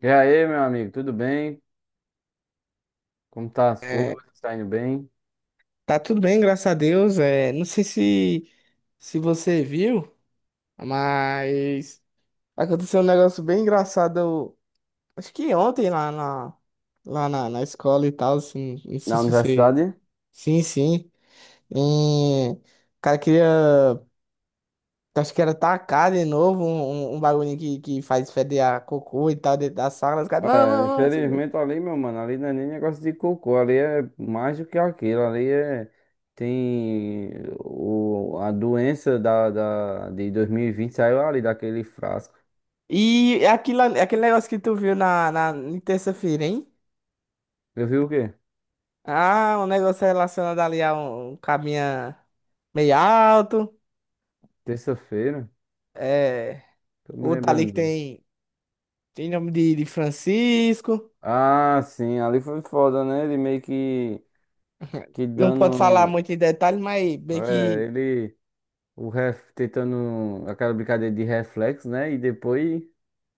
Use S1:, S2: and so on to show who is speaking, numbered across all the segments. S1: E aí, meu amigo, tudo bem? Como tá as
S2: É,
S1: coisas? Tá indo bem?
S2: tá tudo bem, graças a Deus. É, não sei se você viu, mas aconteceu um negócio bem engraçado. Acho que ontem na escola e tal, assim, não
S1: Na
S2: sei se você.
S1: universidade?
S2: Sim, sim. E, o cara queria. Acho que era tacar de novo um bagulho que faz feder a cocô e tal dentro da sala. Os caras, não,
S1: É,
S2: não, não, não sei o quê.
S1: infelizmente ali, meu mano, ali não é nem negócio de cocô, ali é mais do que aquilo, ali é, tem o, a doença de 2020 saiu ali daquele frasco.
S2: E aquilo, aquele negócio que tu viu em terça-feira, hein?
S1: Eu vi o quê?
S2: Ah, um negócio relacionado ali a um cabinha meio alto.
S1: Terça-feira?
S2: É.
S1: Tô me
S2: Outro ali que
S1: lembrando não.
S2: tem nome de Francisco.
S1: Ah, sim, ali foi foda, né? Ele meio que
S2: Não pode falar
S1: dando,
S2: muito em detalhes, mas bem
S1: é,
S2: que
S1: ele o ref tentando aquela brincadeira de reflexo, né? E depois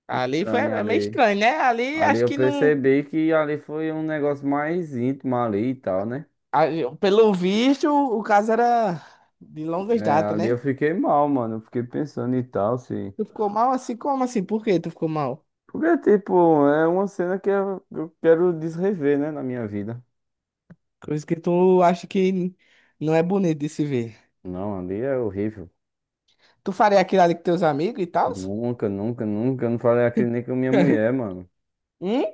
S2: ali foi
S1: estranha
S2: é meio
S1: ali.
S2: estranho, né? Ali
S1: Ali
S2: acho
S1: eu
S2: que não.
S1: percebi que ali foi um negócio mais íntimo ali e tal, né?
S2: Pelo visto, o caso era de longas
S1: É,
S2: datas,
S1: ali eu
S2: né?
S1: fiquei mal, mano. Eu fiquei pensando e tal, se.
S2: Tu ficou mal assim? Como assim? Por que tu ficou mal?
S1: Porque, tipo, é uma cena que eu quero desrever, né, na minha vida.
S2: Coisa que tu acha que não é bonito de se ver.
S1: Não, ali é horrível.
S2: Tu faria aquilo ali com teus amigos e tal?
S1: Nunca, nunca, nunca. Eu não falei aquilo nem com minha mulher, mano.
S2: Hum?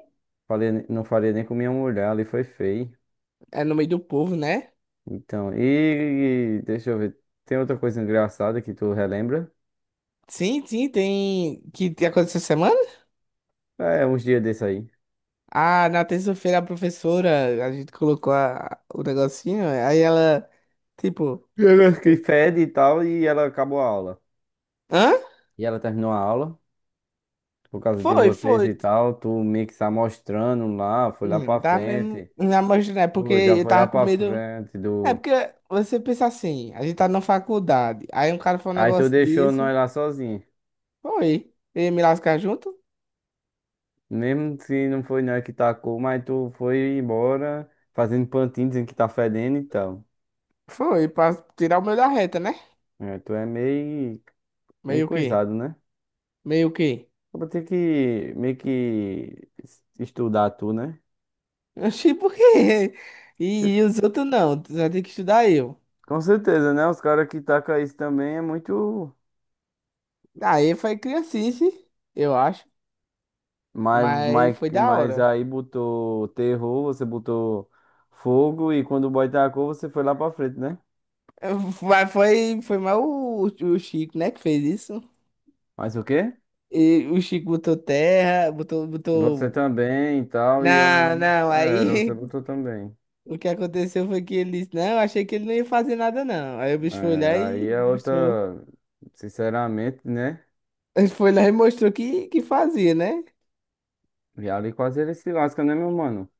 S1: Falei, não falei nem com minha mulher, ali foi feio.
S2: É no meio do povo, né?
S1: Então, e deixa eu ver. Tem outra coisa engraçada que tu relembra?
S2: Sim, sim, tem que aconteceu essa semana?
S1: É, uns dias desse aí.
S2: Ah, na terça-feira a professora, a gente colocou o negocinho, aí ela, tipo,
S1: Ela que
S2: ficou,
S1: fede e tal, e ela acabou a aula.
S2: hã?
S1: E ela terminou a aula, por causa de
S2: Foi,
S1: vocês e
S2: foi.
S1: tal. Tu meio que se amostrando lá, foi lá
S2: Não,
S1: pra
S2: dá mesmo
S1: frente.
S2: na mostra, né? Porque
S1: Pô, já
S2: eu
S1: foi lá
S2: tava com
S1: pra
S2: medo.
S1: frente
S2: É
S1: do.
S2: porque você pensa assim, a gente tá na faculdade, aí um cara falou um
S1: Aí tu
S2: negócio
S1: deixou
S2: desse,
S1: nós lá sozinhos.
S2: foi. Eu ia me lascar junto?
S1: Mesmo se não foi nós que tacou, mas tu foi embora fazendo pantinho, dizendo que tá fedendo e tal.
S2: Foi, pra tirar o meu da reta, né?
S1: É, tu é meio, meio
S2: Meio que,
S1: coisado, né?
S2: meio que.
S1: Eu vou ter que meio que estudar tu, né?
S2: Oxi, por quê?
S1: Eu-
S2: E os outros não, tu já tem que estudar eu.
S1: com certeza, né? Os caras que tacam isso também é muito.
S2: Aí foi criancice, eu acho,
S1: Mas,
S2: mas
S1: mas,
S2: foi da
S1: mas
S2: hora.
S1: aí botou terror, você botou fogo e quando o boy tacou, você foi lá pra frente, né?
S2: Mas foi mais o Chico, né, que fez isso.
S1: Mas o quê?
S2: E o Chico botou terra, botou,
S1: Você
S2: botou.
S1: também e tal, e eu
S2: Não, não, aí
S1: você botou também.
S2: o que aconteceu foi que ele disse, não, achei que ele não ia fazer nada, não. Aí o bicho foi
S1: É,
S2: lá
S1: aí
S2: e
S1: é
S2: mostrou.
S1: outra. Sinceramente, né?
S2: Ele foi lá e mostrou que fazia, né?
S1: E ali quase ele se lasca, né, meu mano?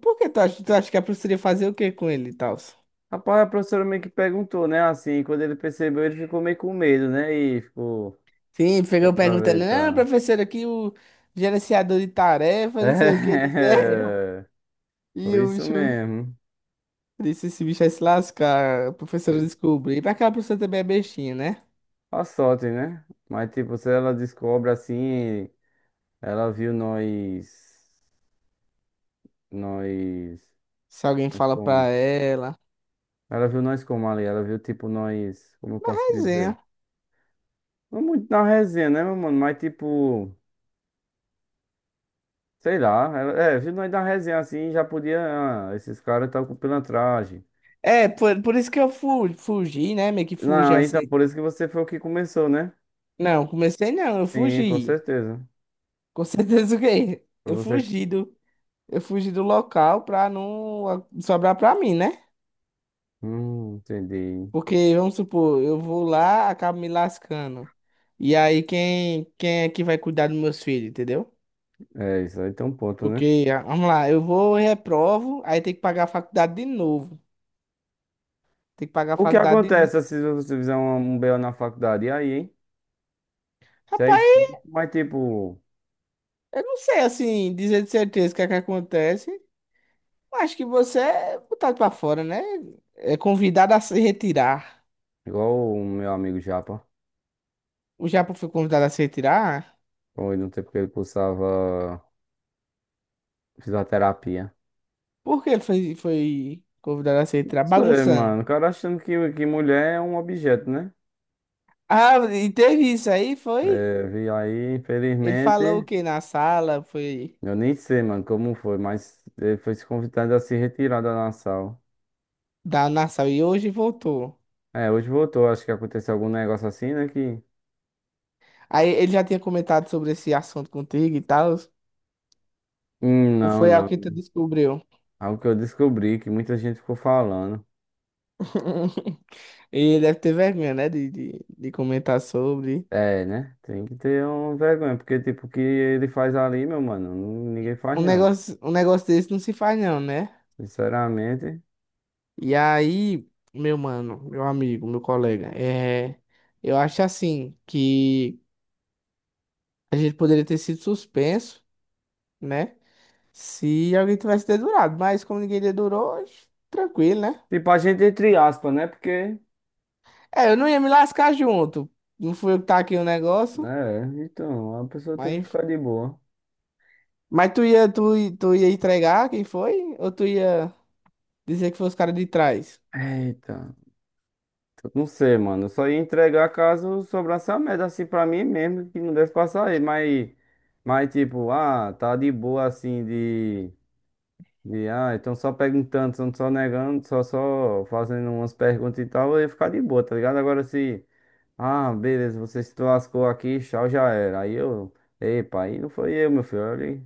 S2: Por que tu acha que a professora ia fazer o que com ele e tal?
S1: Rapaz, a professora meio que perguntou, né? Assim, quando ele percebeu, ele ficou meio com medo, né? E ficou,
S2: Sim,
S1: deu
S2: pegou
S1: pra
S2: perguntando,
S1: ver,
S2: não,
S1: tá?
S2: professora, aqui o gerenciador de tarefas, não sei o que, ele quer.
S1: É,
S2: E
S1: foi
S2: o
S1: isso
S2: bicho
S1: mesmo.
S2: disse, esse bicho vai se lascar. A professora
S1: Foi
S2: descobriu. Mas aquela professora também é bestinha, né?
S1: a sorte, né? Mas, tipo, se ela descobre assim, ela viu nós,
S2: Se alguém
S1: nós
S2: fala pra
S1: como?
S2: ela.
S1: Ela viu nós como ali, ela viu, tipo, nós, como eu posso
S2: Resenha.
S1: dizer? Não muito na resenha, né, meu mano? Mas, tipo, sei lá, ela, é, viu nós na resenha assim, já podia, ah, esses caras tá com pilantragem.
S2: É, por isso que eu fu fugi, né? Meio que fugi
S1: Não, então,
S2: assim.
S1: por isso que você foi o que começou, né?
S2: Não, comecei não, eu
S1: Sim, com
S2: fugi.
S1: certeza.
S2: Com certeza o quê?
S1: Foi
S2: Eu
S1: você. Que-
S2: fugi do, eu fugi do local pra não sobrar pra mim, né?
S1: Entendi.
S2: Porque, vamos supor, eu vou lá, acabo me lascando. E aí, quem é que vai cuidar dos meus filhos, entendeu?
S1: É isso aí, tem um ponto, né?
S2: Porque, ah, vamos lá, eu vou, reprovo, aí tem que pagar a faculdade de novo. Tem que pagar a
S1: O que
S2: faculdade de novo.
S1: acontece se você fizer um BO na faculdade? E aí, hein? Isso é isso.
S2: Rapaz,
S1: Mas, tipo,
S2: eu não sei, assim, dizer de certeza o que é que acontece. Eu acho que você é botado pra fora, né? É convidado a se retirar.
S1: igual o meu amigo Japa,
S2: O Japa foi convidado a se retirar?
S1: foi no tempo que ele cursava fisioterapia.
S2: Por que ele foi convidado a se
S1: Não
S2: retirar?
S1: sei,
S2: Bagunçando.
S1: mano. O cara achando que mulher é um objeto, né?
S2: Ah, e teve isso aí, foi?
S1: É, vi aí,
S2: Ele falou o
S1: infelizmente.
S2: que na sala, foi
S1: Eu nem sei, mano, como foi, mas ele foi se convidado a se retirar da nação.
S2: dar na sala e hoje voltou.
S1: É, hoje voltou, acho que aconteceu algum negócio assim, né? Que.
S2: Aí ele já tinha comentado sobre esse assunto contigo e tal.
S1: Não,
S2: Foi algo que
S1: não.
S2: tu descobriu.
S1: Algo que eu descobri, que muita gente ficou falando.
S2: E deve ter vergonha, né? De comentar sobre.
S1: É, né? Tem que ter uma vergonha, porque, tipo, o que ele faz ali, meu mano, ninguém faz,
S2: Um
S1: não.
S2: negócio, um negócio desse não se faz, não, né?
S1: Sinceramente.
S2: E aí, meu mano, meu amigo, meu colega, eu acho assim que a gente poderia ter sido suspenso, né? Se alguém tivesse dedurado. Mas como ninguém dedurou, tranquilo, né?
S1: Tipo, a gente entre aspas, né? Porque.
S2: É, eu não ia me lascar junto. Não fui eu que tá aqui o negócio,
S1: Né, é, então, a pessoa tem que
S2: mas.
S1: ficar de boa.
S2: Mas tu ia entregar quem foi? Ou tu ia. Dizer que foi os caras de trás.
S1: Eita, eu não sei, mano. Eu só ia entregar caso sobrasse a merda assim pra mim mesmo, que não deve passar aí, mas. Mas, tipo, ah, tá de boa assim de. E, ah, então só perguntando, só negando, só fazendo umas perguntas e tal, eu ia ficar de boa, tá ligado? Agora se, ah, beleza, você se lascou aqui, tchau, já era. Aí eu, epa, aí não foi eu, meu filho. Olha aí.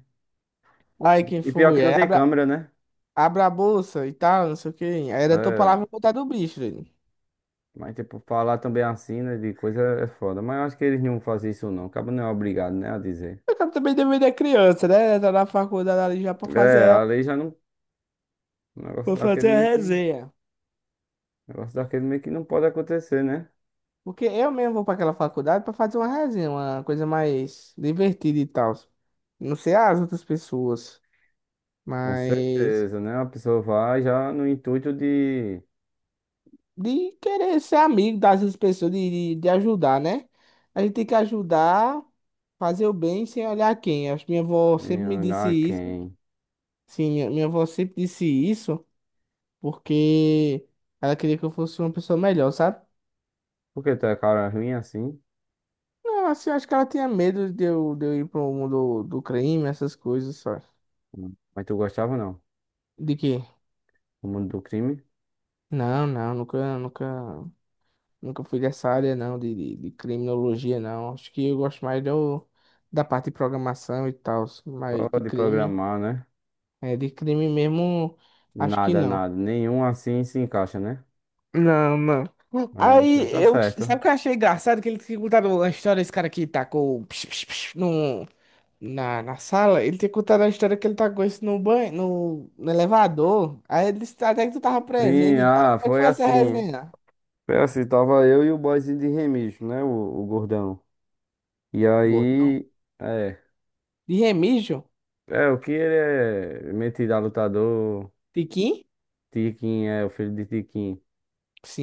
S2: Aí quem
S1: E pior que
S2: foi?
S1: não
S2: Aí
S1: tem
S2: abra,
S1: câmera, né?
S2: abra a bolsa e tal, não sei o quê. Aí era tua
S1: É,
S2: palavra contar do bicho, velho.
S1: mas tipo, falar também assim, né, de coisa é foda. Mas eu acho que eles não fazem isso não, acaba não é obrigado, né, a dizer.
S2: Eu quero também deveria da criança, né? Tá na faculdade ali já pra
S1: É,
S2: fazer,
S1: a lei já não, o negócio
S2: pra
S1: daquele
S2: fazer a
S1: meio que,
S2: resenha.
S1: negócio daquele meio que não pode acontecer, né?
S2: Porque eu mesmo vou pra aquela faculdade pra fazer uma resenha, uma coisa mais divertida e tal. Não sei as outras pessoas,
S1: Com
S2: mas
S1: certeza, né? A pessoa vai já no intuito de
S2: de querer ser amigo das outras pessoas, de ajudar, né? A gente tem que ajudar, fazer o bem sem olhar quem. Acho que minha avó sempre
S1: em
S2: me disse
S1: olhar
S2: isso.
S1: quem?
S2: Sim, minha avó sempre disse isso porque ela queria que eu fosse uma pessoa melhor, sabe?
S1: Por que tu é cara ruim assim?
S2: Não, assim, acho que ela tinha medo de eu ir pro mundo do crime, essas coisas, sabe?
S1: Hum. Mas tu gostava não?
S2: De quê?
S1: O mundo do crime?
S2: Não, não, nunca, nunca, nunca fui dessa área, não, de criminologia, não. Acho que eu gosto mais do, da parte de programação e tal,
S1: Só
S2: mas de
S1: de
S2: crime,
S1: programar, né?
S2: de crime mesmo, acho que
S1: Nada,
S2: não.
S1: nada. Nenhum assim se encaixa, né?
S2: Não, não.
S1: É, então
S2: Aí
S1: tá
S2: eu. Sabe
S1: certo.
S2: o que eu achei engraçado? Que ele tinha contado a história, esse cara que tacou psh, psh, psh, no, na sala. Ele tinha contado a história que ele tacou isso no banho, no elevador. Aí ele disse até que tu tava
S1: Sim,
S2: presente e tal.
S1: ah,
S2: Como é que
S1: foi
S2: foi essa
S1: assim.
S2: resenha?
S1: Foi assim, tava eu e o boyzinho de Remígio, né? O gordão. E
S2: Gordão.
S1: aí, é.
S2: De Remígio?
S1: É, o que ele é metido a lutador.
S2: Tiquim?
S1: Tiquinho, é o filho de Tiquinho.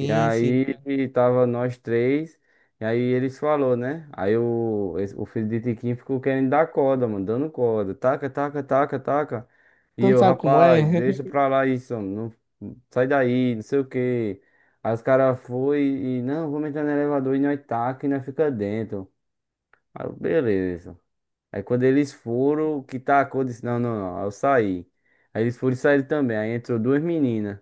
S1: E
S2: sim. Sim.
S1: aí tava nós três, e aí eles falou, né? Aí o, esse- o filho de Tiquinho ficou querendo dar corda, mano, dando corda. Taca, taca, taca, taca. E
S2: Tu não
S1: eu,
S2: sabe como é?
S1: rapaz, deixa pra lá isso, mano, não, sai daí, não sei o quê. Aí os caras foi e, não, vamos entrar no elevador e nós taca e nós fica dentro. Aí eu, beleza. Aí quando eles foram, que tacou, disse, não, não, não, aí eu saí. Aí eles foram e saíram também, aí entrou duas meninas.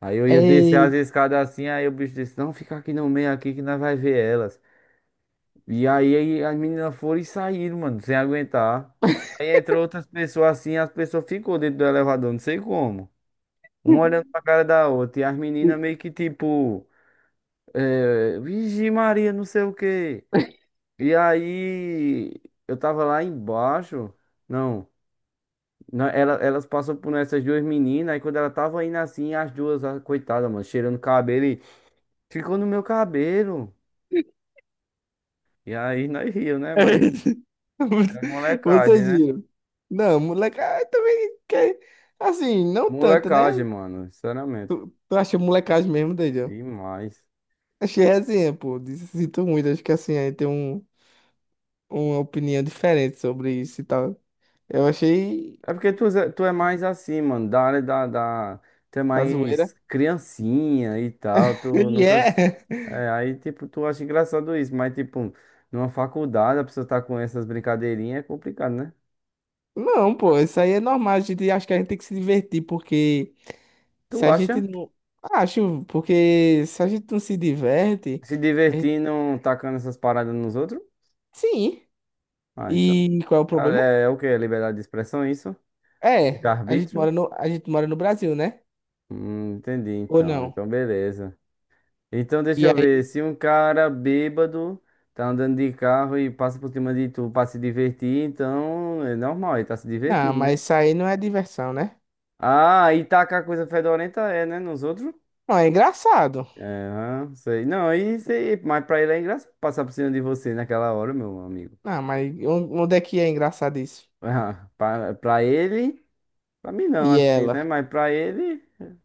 S1: Aí eu ia descer
S2: É.
S1: as escadas assim, aí o bicho disse, não, fica aqui no meio aqui que nós vai ver elas. E aí as meninas foram e saíram, mano, sem aguentar. Aí entrou outras pessoas assim, as pessoas ficou dentro do elevador, não sei como. Uma olhando pra cara da outra, e as meninas meio que tipo, é, Vigi Maria, não sei o quê. E aí eu tava lá embaixo, não, ela, elas passou por essas duas meninas, aí quando ela tava indo assim, as duas, ah, coitada, mano, cheirando cabelo. Ficou no meu cabelo. E aí nós riu, né? Mas é molecagem,
S2: Vocês
S1: né?
S2: viram. Não, moleque, ah, também. Assim, não tanto, né?
S1: Molecagem, mano. Sinceramente.
S2: Tu, tu acha molecagem mesmo, Daniel?
S1: Demais.
S2: Achei resenha, pô. Sinto muito, acho que assim, aí tem uma opinião diferente sobre isso e tal. Eu achei
S1: É porque tu, tu é mais assim, mano. Da área da. Tu é
S2: a zoeira.
S1: mais criancinha e tal. Tu
S2: E
S1: nunca.
S2: é.
S1: É, aí, tipo, tu acha engraçado isso. Mas, tipo, numa faculdade, a pessoa tá com essas brincadeirinhas, é complicado, né?
S2: Não, pô, isso aí é normal. A gente acho que a gente tem que se divertir, porque se
S1: Tu
S2: a gente
S1: acha?
S2: não. Acho, porque se a gente não se diverte,
S1: Se
S2: a gente-
S1: divertindo, tacando essas paradas nos outros?
S2: sim.
S1: Ah, então.
S2: E qual é o
S1: Ah,
S2: problema?
S1: é, é o quê? É liberdade de expressão, é isso? De
S2: É, a gente
S1: arbítrio.
S2: mora no, a gente mora no Brasil, né?
S1: Entendi
S2: Ou
S1: então.
S2: não?
S1: Então, beleza. Então, deixa
S2: E
S1: eu ver.
S2: aí,
S1: Se um cara bêbado tá andando de carro e passa por cima de tu pra se divertir, então é normal, ele tá se
S2: não,
S1: divertindo, né?
S2: mas isso aí não é diversão, né?
S1: Ah, e tacar coisa fedorenta é, né? Nos outros?
S2: Não, é engraçado.
S1: É, aham, sei. Não, isso aí, mas pra ele é engraçado passar por cima de você naquela hora, meu amigo.
S2: Ah, mas onde é que é engraçado isso?
S1: Ah, pra ele, pra mim não,
S2: E
S1: assim,
S2: ela?
S1: né? Mas pra ele,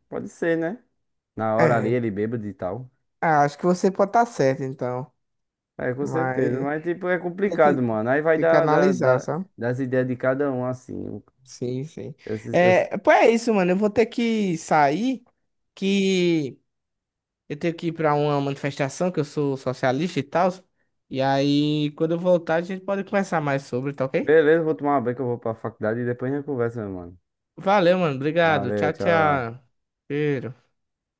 S1: pode ser, né? Na hora ali,
S2: É.
S1: ele bêbado e tal.
S2: Ah, acho que você pode estar certo, então.
S1: É, com certeza.
S2: Mas
S1: Mas, tipo, é
S2: tem
S1: complicado,
S2: que,
S1: mano. Aí vai
S2: tem que
S1: dar,
S2: analisar, sabe?
S1: das ideias de cada um, assim.
S2: Sim, sim.
S1: Eu- eu-
S2: É, pô, é isso, mano. Eu vou ter que sair, que eu tenho que ir pra uma manifestação, que eu sou socialista e tal. E aí, quando eu voltar, a gente pode conversar mais sobre, tá ok?
S1: Beleza, vou tomar uma banho que eu vou pra faculdade e depois a gente conversa, meu mano.
S2: Valeu, mano. Obrigado.
S1: Valeu,
S2: Tchau,
S1: tchau.
S2: tchau. Cheiro.